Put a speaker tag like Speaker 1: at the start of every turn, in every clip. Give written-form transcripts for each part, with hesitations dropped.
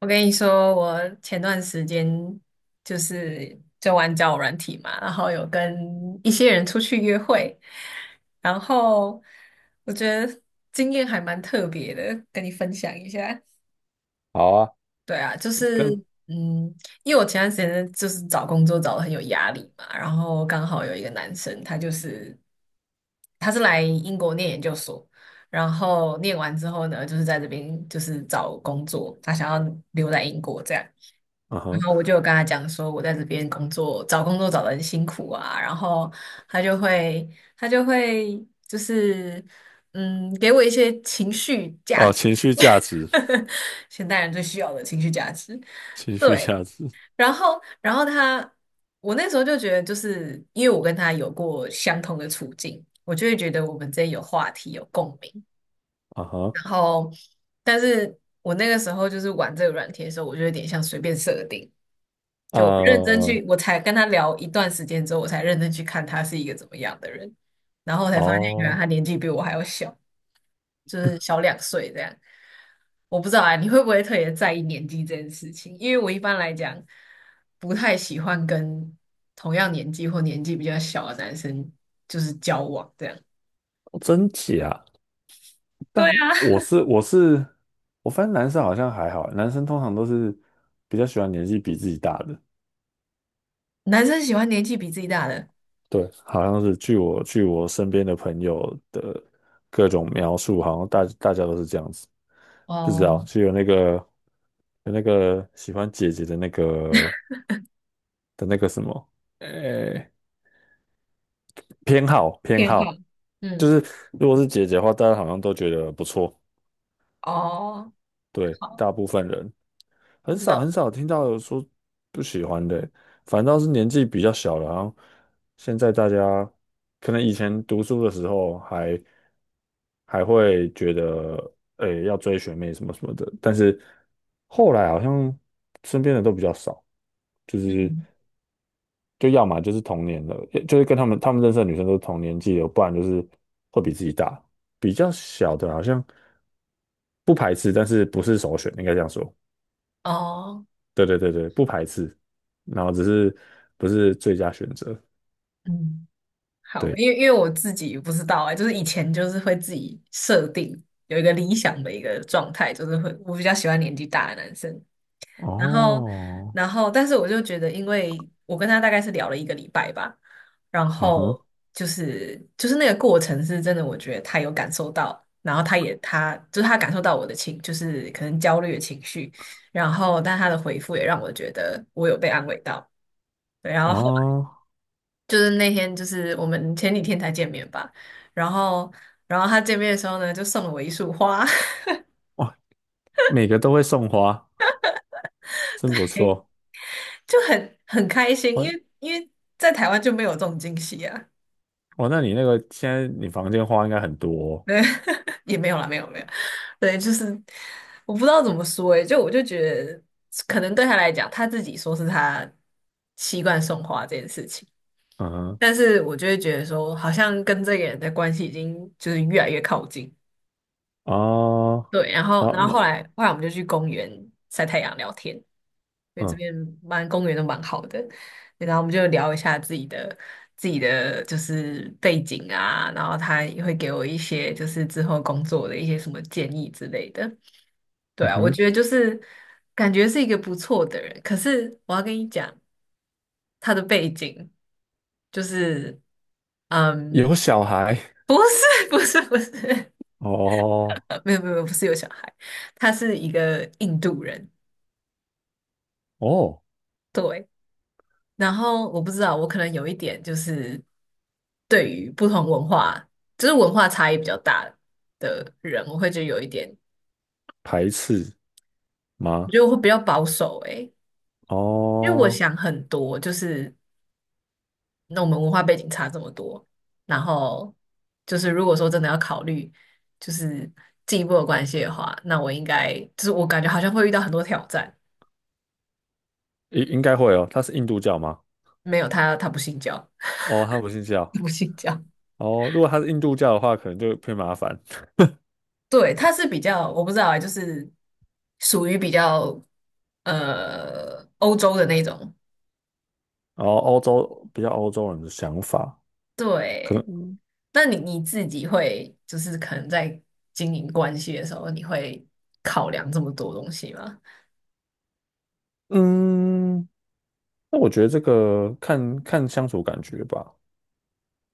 Speaker 1: 我跟你说，我前段时间就玩交友软体嘛，然后有跟一些人出去约会，然后我觉得经验还蛮特别的，跟你分享一下。
Speaker 2: 好啊，
Speaker 1: 对啊，
Speaker 2: 跟
Speaker 1: 嗯，因为我前段时间就是找工作找的很有压力嘛，然后刚好有一个男生，他就是。他是来英国念研究所，然后念完之后呢，就是在这边就是找工作，他想要留在英国这样。
Speaker 2: 嗯
Speaker 1: 然
Speaker 2: 哼，
Speaker 1: 后我就有跟他讲说，我在这边工作，找工作找得很辛苦啊。然后他就会，他就会就是，给我一些情绪价
Speaker 2: 哦，
Speaker 1: 值，
Speaker 2: 情绪价值，
Speaker 1: 现代人最需要的情绪价值。
Speaker 2: 情绪
Speaker 1: 对，
Speaker 2: 价值，
Speaker 1: 然后，然后他，我那时候就觉得，就是因为我跟他有过相同的处境，我就会觉得我们之间有话题、有共鸣。
Speaker 2: 嗯哼，
Speaker 1: 然后，但是我那个时候就是玩这个软体的时候，我就有点像随便设定，就我认真
Speaker 2: 哦，
Speaker 1: 去，我才跟他聊一段时间之后，我才认真去看他是一个怎么样的人，然后我才发现原来
Speaker 2: 哦
Speaker 1: 他年纪比我还要小。就是小2岁这样。我不知道啊，你会不会特别在意年纪这件事情？因为我一般来讲不太喜欢跟同样年纪或年纪比较小的男生就是交往这样。
Speaker 2: 真假？
Speaker 1: 对
Speaker 2: 但
Speaker 1: 啊，
Speaker 2: 我是，我发现男生好像还好，男生通常都是比较喜欢年纪比自己大的，
Speaker 1: 男生喜欢年纪比自己大的。
Speaker 2: 对，好像是据我身边的朋友的各种描述，好像大大家都是这样子，不知
Speaker 1: 哦，
Speaker 2: 道是有那个有那个喜欢姐姐的那个的那个什么，诶、偏好偏
Speaker 1: 偏好。
Speaker 2: 好。
Speaker 1: 嗯。
Speaker 2: 如果是姐姐的话，大家好像都觉得不错，
Speaker 1: 哦。
Speaker 2: 对，
Speaker 1: 好。
Speaker 2: 大部分人很
Speaker 1: 我不知
Speaker 2: 少
Speaker 1: 道。
Speaker 2: 很少听到有说不喜欢的，反倒是年纪比较小了，然后现在大家可能以前读书的时候还还会觉得，诶、要追学妹什么什么的，但是后来好像身边的都比较少，就是。
Speaker 1: 嗯。
Speaker 2: 就要么就是同年的，就是跟他们认识的女生都是同年纪的，不然就是会比自己大。比较小的好像不排斥，但是不是首选，应该这样说。
Speaker 1: 哦。
Speaker 2: 对对对对，不排斥，然后只是不是最佳选择。
Speaker 1: 嗯。好，
Speaker 2: 对，
Speaker 1: 因为我自己不知道啊、就是以前就是会自己设定有一个理想的一个状态，就是会我比较喜欢年纪大的男生。然后，
Speaker 2: 哦，
Speaker 1: 但是我就觉得，因为我跟他大概是聊了1个礼拜吧，然
Speaker 2: 啊
Speaker 1: 后
Speaker 2: 哈，
Speaker 1: 就是那个过程是真的，我觉得他有感受到，然后他也他就是他感受到我的情，就是可能焦虑的情绪，然后但他的回复也让我觉得我有被安慰到。对，然后后来
Speaker 2: 哦，
Speaker 1: 就是那天，就是我们前几天才见面吧，然后，然后他见面的时候呢，就送了我一束花。
Speaker 2: 哇，每个都会送花，真不
Speaker 1: 嘿，
Speaker 2: 错。
Speaker 1: 就很开心，因
Speaker 2: 哇
Speaker 1: 为因为在台湾就没有这种惊喜啊。
Speaker 2: 哇，那你那个现在你房间花应该很多
Speaker 1: 对，也没有啦，没有，对，就是我不知道怎么说诶，就我就觉得，可能对他来讲，他自己说是他习惯送花这件事情，
Speaker 2: 哦嗯哼，
Speaker 1: 但是我就会觉得说，好像跟这个人的关系已经就是越来越靠近。
Speaker 2: 哦，
Speaker 1: 对，然后
Speaker 2: 然
Speaker 1: 然
Speaker 2: 后
Speaker 1: 后后来
Speaker 2: 那
Speaker 1: 后来我们就去公园晒太阳聊天，因为这
Speaker 2: 嗯
Speaker 1: 边蛮公园都蛮好的。对，然后我们就聊一下自己的就是背景啊，然后他也会给我一些就是之后工作的一些什么建议之类的。对
Speaker 2: 嗯
Speaker 1: 啊，我
Speaker 2: 哼，
Speaker 1: 觉得就是感觉是一个不错的人，可是我要跟你讲，他的背景就是，嗯，
Speaker 2: 有小孩。
Speaker 1: 不是 不是，
Speaker 2: 哦
Speaker 1: 没有，不是有小孩，他是一个印度人。
Speaker 2: 哦，
Speaker 1: 对，然后我不知道，我可能有一点就是对于不同文化，就是文化差异比较大的人，我会觉得有一点，
Speaker 2: 排斥
Speaker 1: 我
Speaker 2: 吗？
Speaker 1: 觉得我会比较保守诶，因为我
Speaker 2: 哦，
Speaker 1: 想很多，就是那我们文化背景差这么多，然后就是如果说真的要考虑就是进一步的关系的话，那我应该就是我感觉好像会遇到很多挑战。
Speaker 2: 应应该会哦。他是印度教吗？
Speaker 1: 没有他，他不信教。
Speaker 2: 哦，他不信 教。
Speaker 1: 不信教。
Speaker 2: 哦，如果他是印度教的话，可能就偏麻烦。
Speaker 1: 对，他是比较，我不知道啊，就是属于比较欧洲的那种。
Speaker 2: 然后欧洲比较欧洲人的想法，可
Speaker 1: 对，
Speaker 2: 能
Speaker 1: 那你你自己会就是可能在经营关系的时候，你会考量这么多东西吗？
Speaker 2: 嗯，那我觉得这个看看相处感觉吧。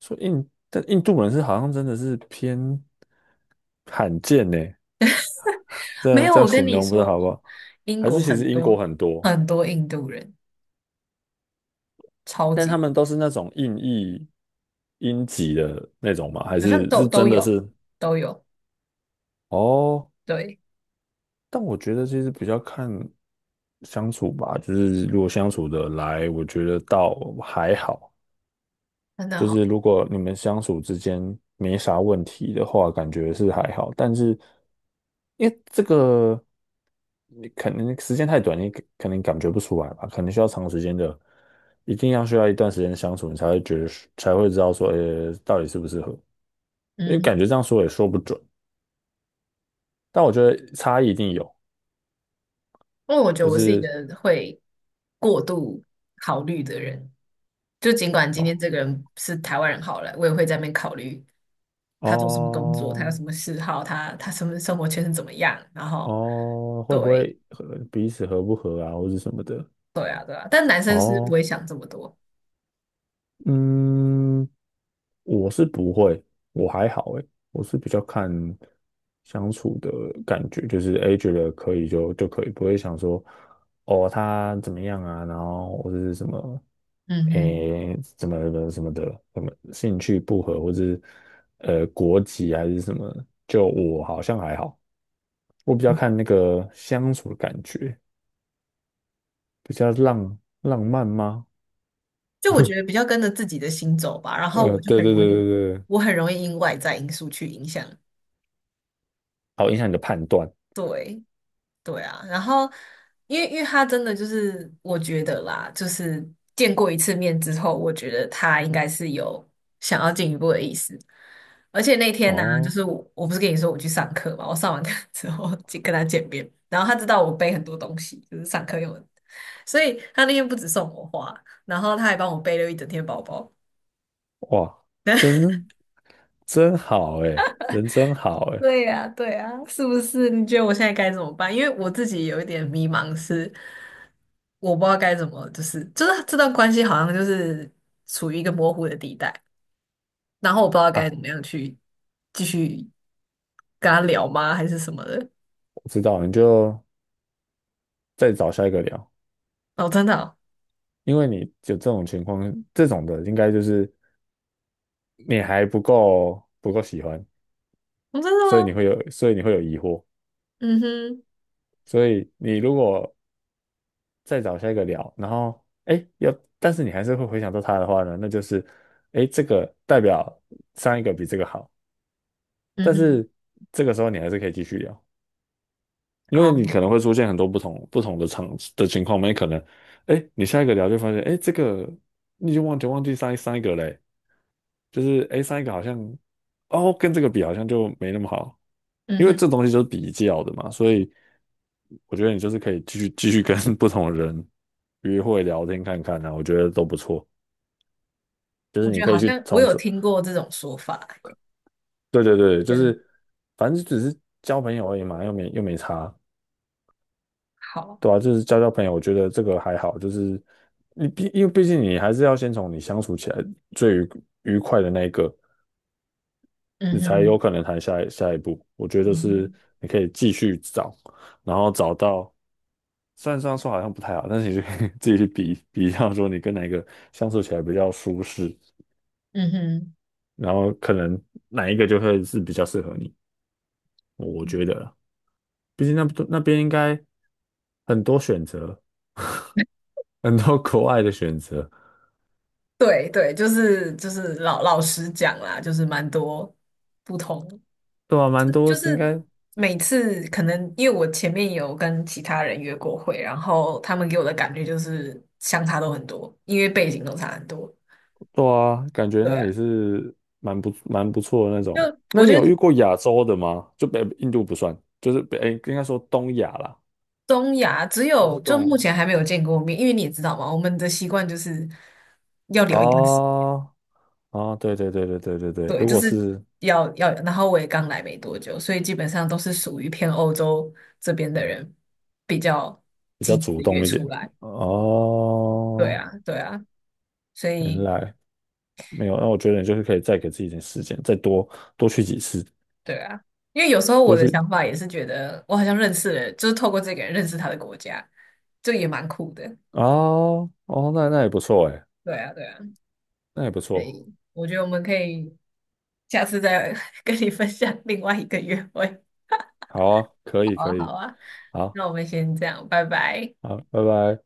Speaker 2: 说印，但印度人是好像真的是偏罕见呢，这
Speaker 1: 没
Speaker 2: 样
Speaker 1: 有，
Speaker 2: 这样
Speaker 1: 我跟
Speaker 2: 形
Speaker 1: 你
Speaker 2: 容不知道
Speaker 1: 说，
Speaker 2: 好不好？
Speaker 1: 英
Speaker 2: 还是
Speaker 1: 国
Speaker 2: 其
Speaker 1: 很
Speaker 2: 实英国
Speaker 1: 多
Speaker 2: 很多，
Speaker 1: 很多印度人，超
Speaker 2: 但
Speaker 1: 级
Speaker 2: 他
Speaker 1: 多，
Speaker 2: 们都是那种硬译音级的那种吗？还
Speaker 1: 好像
Speaker 2: 是
Speaker 1: 都
Speaker 2: 是
Speaker 1: 都
Speaker 2: 真的
Speaker 1: 有
Speaker 2: 是？
Speaker 1: 都有，
Speaker 2: 哦，
Speaker 1: 对，
Speaker 2: 但我觉得其实比较看相处吧，就是如果相处的来，我觉得倒还好；
Speaker 1: 真的
Speaker 2: 就
Speaker 1: 好。
Speaker 2: 是如果你们相处之间没啥问题的话，感觉是还好。但是因为这个，你可能时间太短，你可可能感觉不出来吧，可能需要长时间的，一定要需要一段时间相处，你才会觉得是才会知道说，到底适不适合。因
Speaker 1: 嗯
Speaker 2: 为感
Speaker 1: 哼，
Speaker 2: 觉这样说也说不准，但我觉得差异一定有，
Speaker 1: 因为我觉得
Speaker 2: 就
Speaker 1: 我是一个
Speaker 2: 是
Speaker 1: 会过度考虑的人，就尽管今天
Speaker 2: 哦
Speaker 1: 这个人是台湾人好了，我也会在那边考虑他做什么工作，他有
Speaker 2: 哦
Speaker 1: 什么嗜好，他什么生活圈是怎么样，然后
Speaker 2: 哦，会不
Speaker 1: 对。
Speaker 2: 会合彼此合不合啊，或者什么的。
Speaker 1: 对啊，但男生是不
Speaker 2: 哦，
Speaker 1: 会想这么多。
Speaker 2: 嗯，我是不会，我还好诶，我是比较看相处的感觉，就是诶觉得可以就就可以，不会想说哦他怎么样啊，然后或者是什么
Speaker 1: 嗯嗯。
Speaker 2: 诶怎么怎么什么的，什么兴趣不合，或者是国籍还是什么，就我好像还好，我比较看那个相处的感觉，比较浪浪漫吗？
Speaker 1: 就我觉得比较跟着自己的心走吧，然后我就
Speaker 2: 对
Speaker 1: 很
Speaker 2: 对对
Speaker 1: 容易，
Speaker 2: 对对，
Speaker 1: 我很容易因外在因素去影响。
Speaker 2: 好影响你的判断
Speaker 1: 对，对啊，然后因为他真的就是我觉得啦，就是见过一次面之后，我觉得他应该是有想要进一步的意思。而且那天呢、就
Speaker 2: 哦。
Speaker 1: 是我不是跟你说我去上课嘛，我上完课 之后就跟他见面，然后他知道我背很多东西，就是上课用的，所以他那天不止送我花，然后他还帮我背了一整天包包。
Speaker 2: 哇，真真好诶，人真好诶。
Speaker 1: 对呀，对呀，是不是？你觉得我现在该怎么办？因为我自己有一点迷茫是，我不知道该怎么，就是这段关系好像就是处于一个模糊的地带，然后我不知道
Speaker 2: 啊，
Speaker 1: 该怎么样去继续跟他聊吗，还是什么的？
Speaker 2: 我知道，你就再找下一个聊，
Speaker 1: 哦，真的哦。
Speaker 2: 因为你有这种情况，这种的应该就是你还不够喜欢，
Speaker 1: 哦，真的
Speaker 2: 所以你
Speaker 1: 吗？
Speaker 2: 会有，所以你会有疑惑，
Speaker 1: 嗯哼。
Speaker 2: 所以你如果再找下一个聊，然后哎，要，但是你还是会回想到他的话呢，那就是哎，这个代表上一个比这个好，
Speaker 1: 嗯
Speaker 2: 但
Speaker 1: 哼。
Speaker 2: 是这个时候你还是可以继续聊。因为
Speaker 1: 哦。
Speaker 2: 你可能会出现很多不同的场的情况嘛，你可能，哎，你下一个聊就发现，哎，这个你就忘记上一个嘞，就是哎上一个好像，哦，跟这个比好像就没那么好，
Speaker 1: 嗯
Speaker 2: 因为
Speaker 1: 哼。
Speaker 2: 这东西就是比较的嘛，所以我觉得你就是可以继续跟 不同的人约会聊天看看啊，我觉得都不错，就
Speaker 1: 我
Speaker 2: 是你
Speaker 1: 觉得
Speaker 2: 可
Speaker 1: 好
Speaker 2: 以去
Speaker 1: 像我
Speaker 2: 从
Speaker 1: 有
Speaker 2: 此，
Speaker 1: 听过这种说法，
Speaker 2: 对对对，就
Speaker 1: 就是
Speaker 2: 是反正只是交朋友而已嘛，又没差，
Speaker 1: 好。
Speaker 2: 对啊，就是交交朋友，我觉得这个还好，就是你毕，因为毕竟你还是要先从你相处起来最愉愉快的那一个，
Speaker 1: 嗯
Speaker 2: 你才有
Speaker 1: 哼。
Speaker 2: 可能谈下一步。我觉
Speaker 1: 嗯
Speaker 2: 得是
Speaker 1: 哼。
Speaker 2: 你可以继续找，然后找到，虽然这样说好像不太好，但是你就可以 自己去比比较，说你跟哪一个相处起来比较舒适，
Speaker 1: 嗯哼。
Speaker 2: 然后可能哪一个就会是比较适合你，我觉得
Speaker 1: 嗯。
Speaker 2: 啦。毕竟那那边应该很多选择，很多国外的选择。
Speaker 1: 对对，就是老老实讲啦，就是蛮多不同，
Speaker 2: 对啊，蛮多
Speaker 1: 就
Speaker 2: 是应
Speaker 1: 是
Speaker 2: 该
Speaker 1: 每次可能因为我前面有跟其他人约过会，然后他们给我的感觉就是相差都很多，因为背景都差很多。
Speaker 2: 对啊，感觉
Speaker 1: 对
Speaker 2: 那
Speaker 1: 啊，
Speaker 2: 里是蛮不蛮不错的那
Speaker 1: 就
Speaker 2: 种。那
Speaker 1: 我
Speaker 2: 你
Speaker 1: 觉
Speaker 2: 有
Speaker 1: 得
Speaker 2: 遇过亚洲的吗？就北印度不算，就是北，诶应该说东亚啦，
Speaker 1: 东亚只
Speaker 2: 就是
Speaker 1: 有
Speaker 2: 这
Speaker 1: 就目
Speaker 2: 种
Speaker 1: 前还没有见过面，因为你也知道嘛，我们的习惯就是要聊一段时。
Speaker 2: 哦哦，对对对对对对对，
Speaker 1: 对，
Speaker 2: 如
Speaker 1: 就
Speaker 2: 果
Speaker 1: 是
Speaker 2: 是
Speaker 1: 要要，然后我也刚来没多久，所以基本上都是属于偏欧洲这边的人比较
Speaker 2: 比
Speaker 1: 积
Speaker 2: 较
Speaker 1: 极
Speaker 2: 主
Speaker 1: 的约
Speaker 2: 动一
Speaker 1: 出
Speaker 2: 点，
Speaker 1: 来。对
Speaker 2: 哦，
Speaker 1: 啊，对啊，所
Speaker 2: 原
Speaker 1: 以
Speaker 2: 来没有，那我觉得你就是可以再给自己一点时间，再多多去几次，
Speaker 1: 对啊，因为有时候我
Speaker 2: 多
Speaker 1: 的
Speaker 2: 去
Speaker 1: 想法也是觉得我好像认识了，就是透过这个人认识他的国家，这也蛮酷的。
Speaker 2: 哦哦，那那也不错哎，
Speaker 1: 对啊，对啊，
Speaker 2: 那也不
Speaker 1: 所
Speaker 2: 错，
Speaker 1: 以我觉得我们可以下次再 跟你分享另外一个约会。
Speaker 2: 好啊，可
Speaker 1: 好
Speaker 2: 以
Speaker 1: 啊，
Speaker 2: 可
Speaker 1: 好
Speaker 2: 以，
Speaker 1: 啊，
Speaker 2: 好
Speaker 1: 那我们先这样，拜拜。
Speaker 2: 好，拜拜。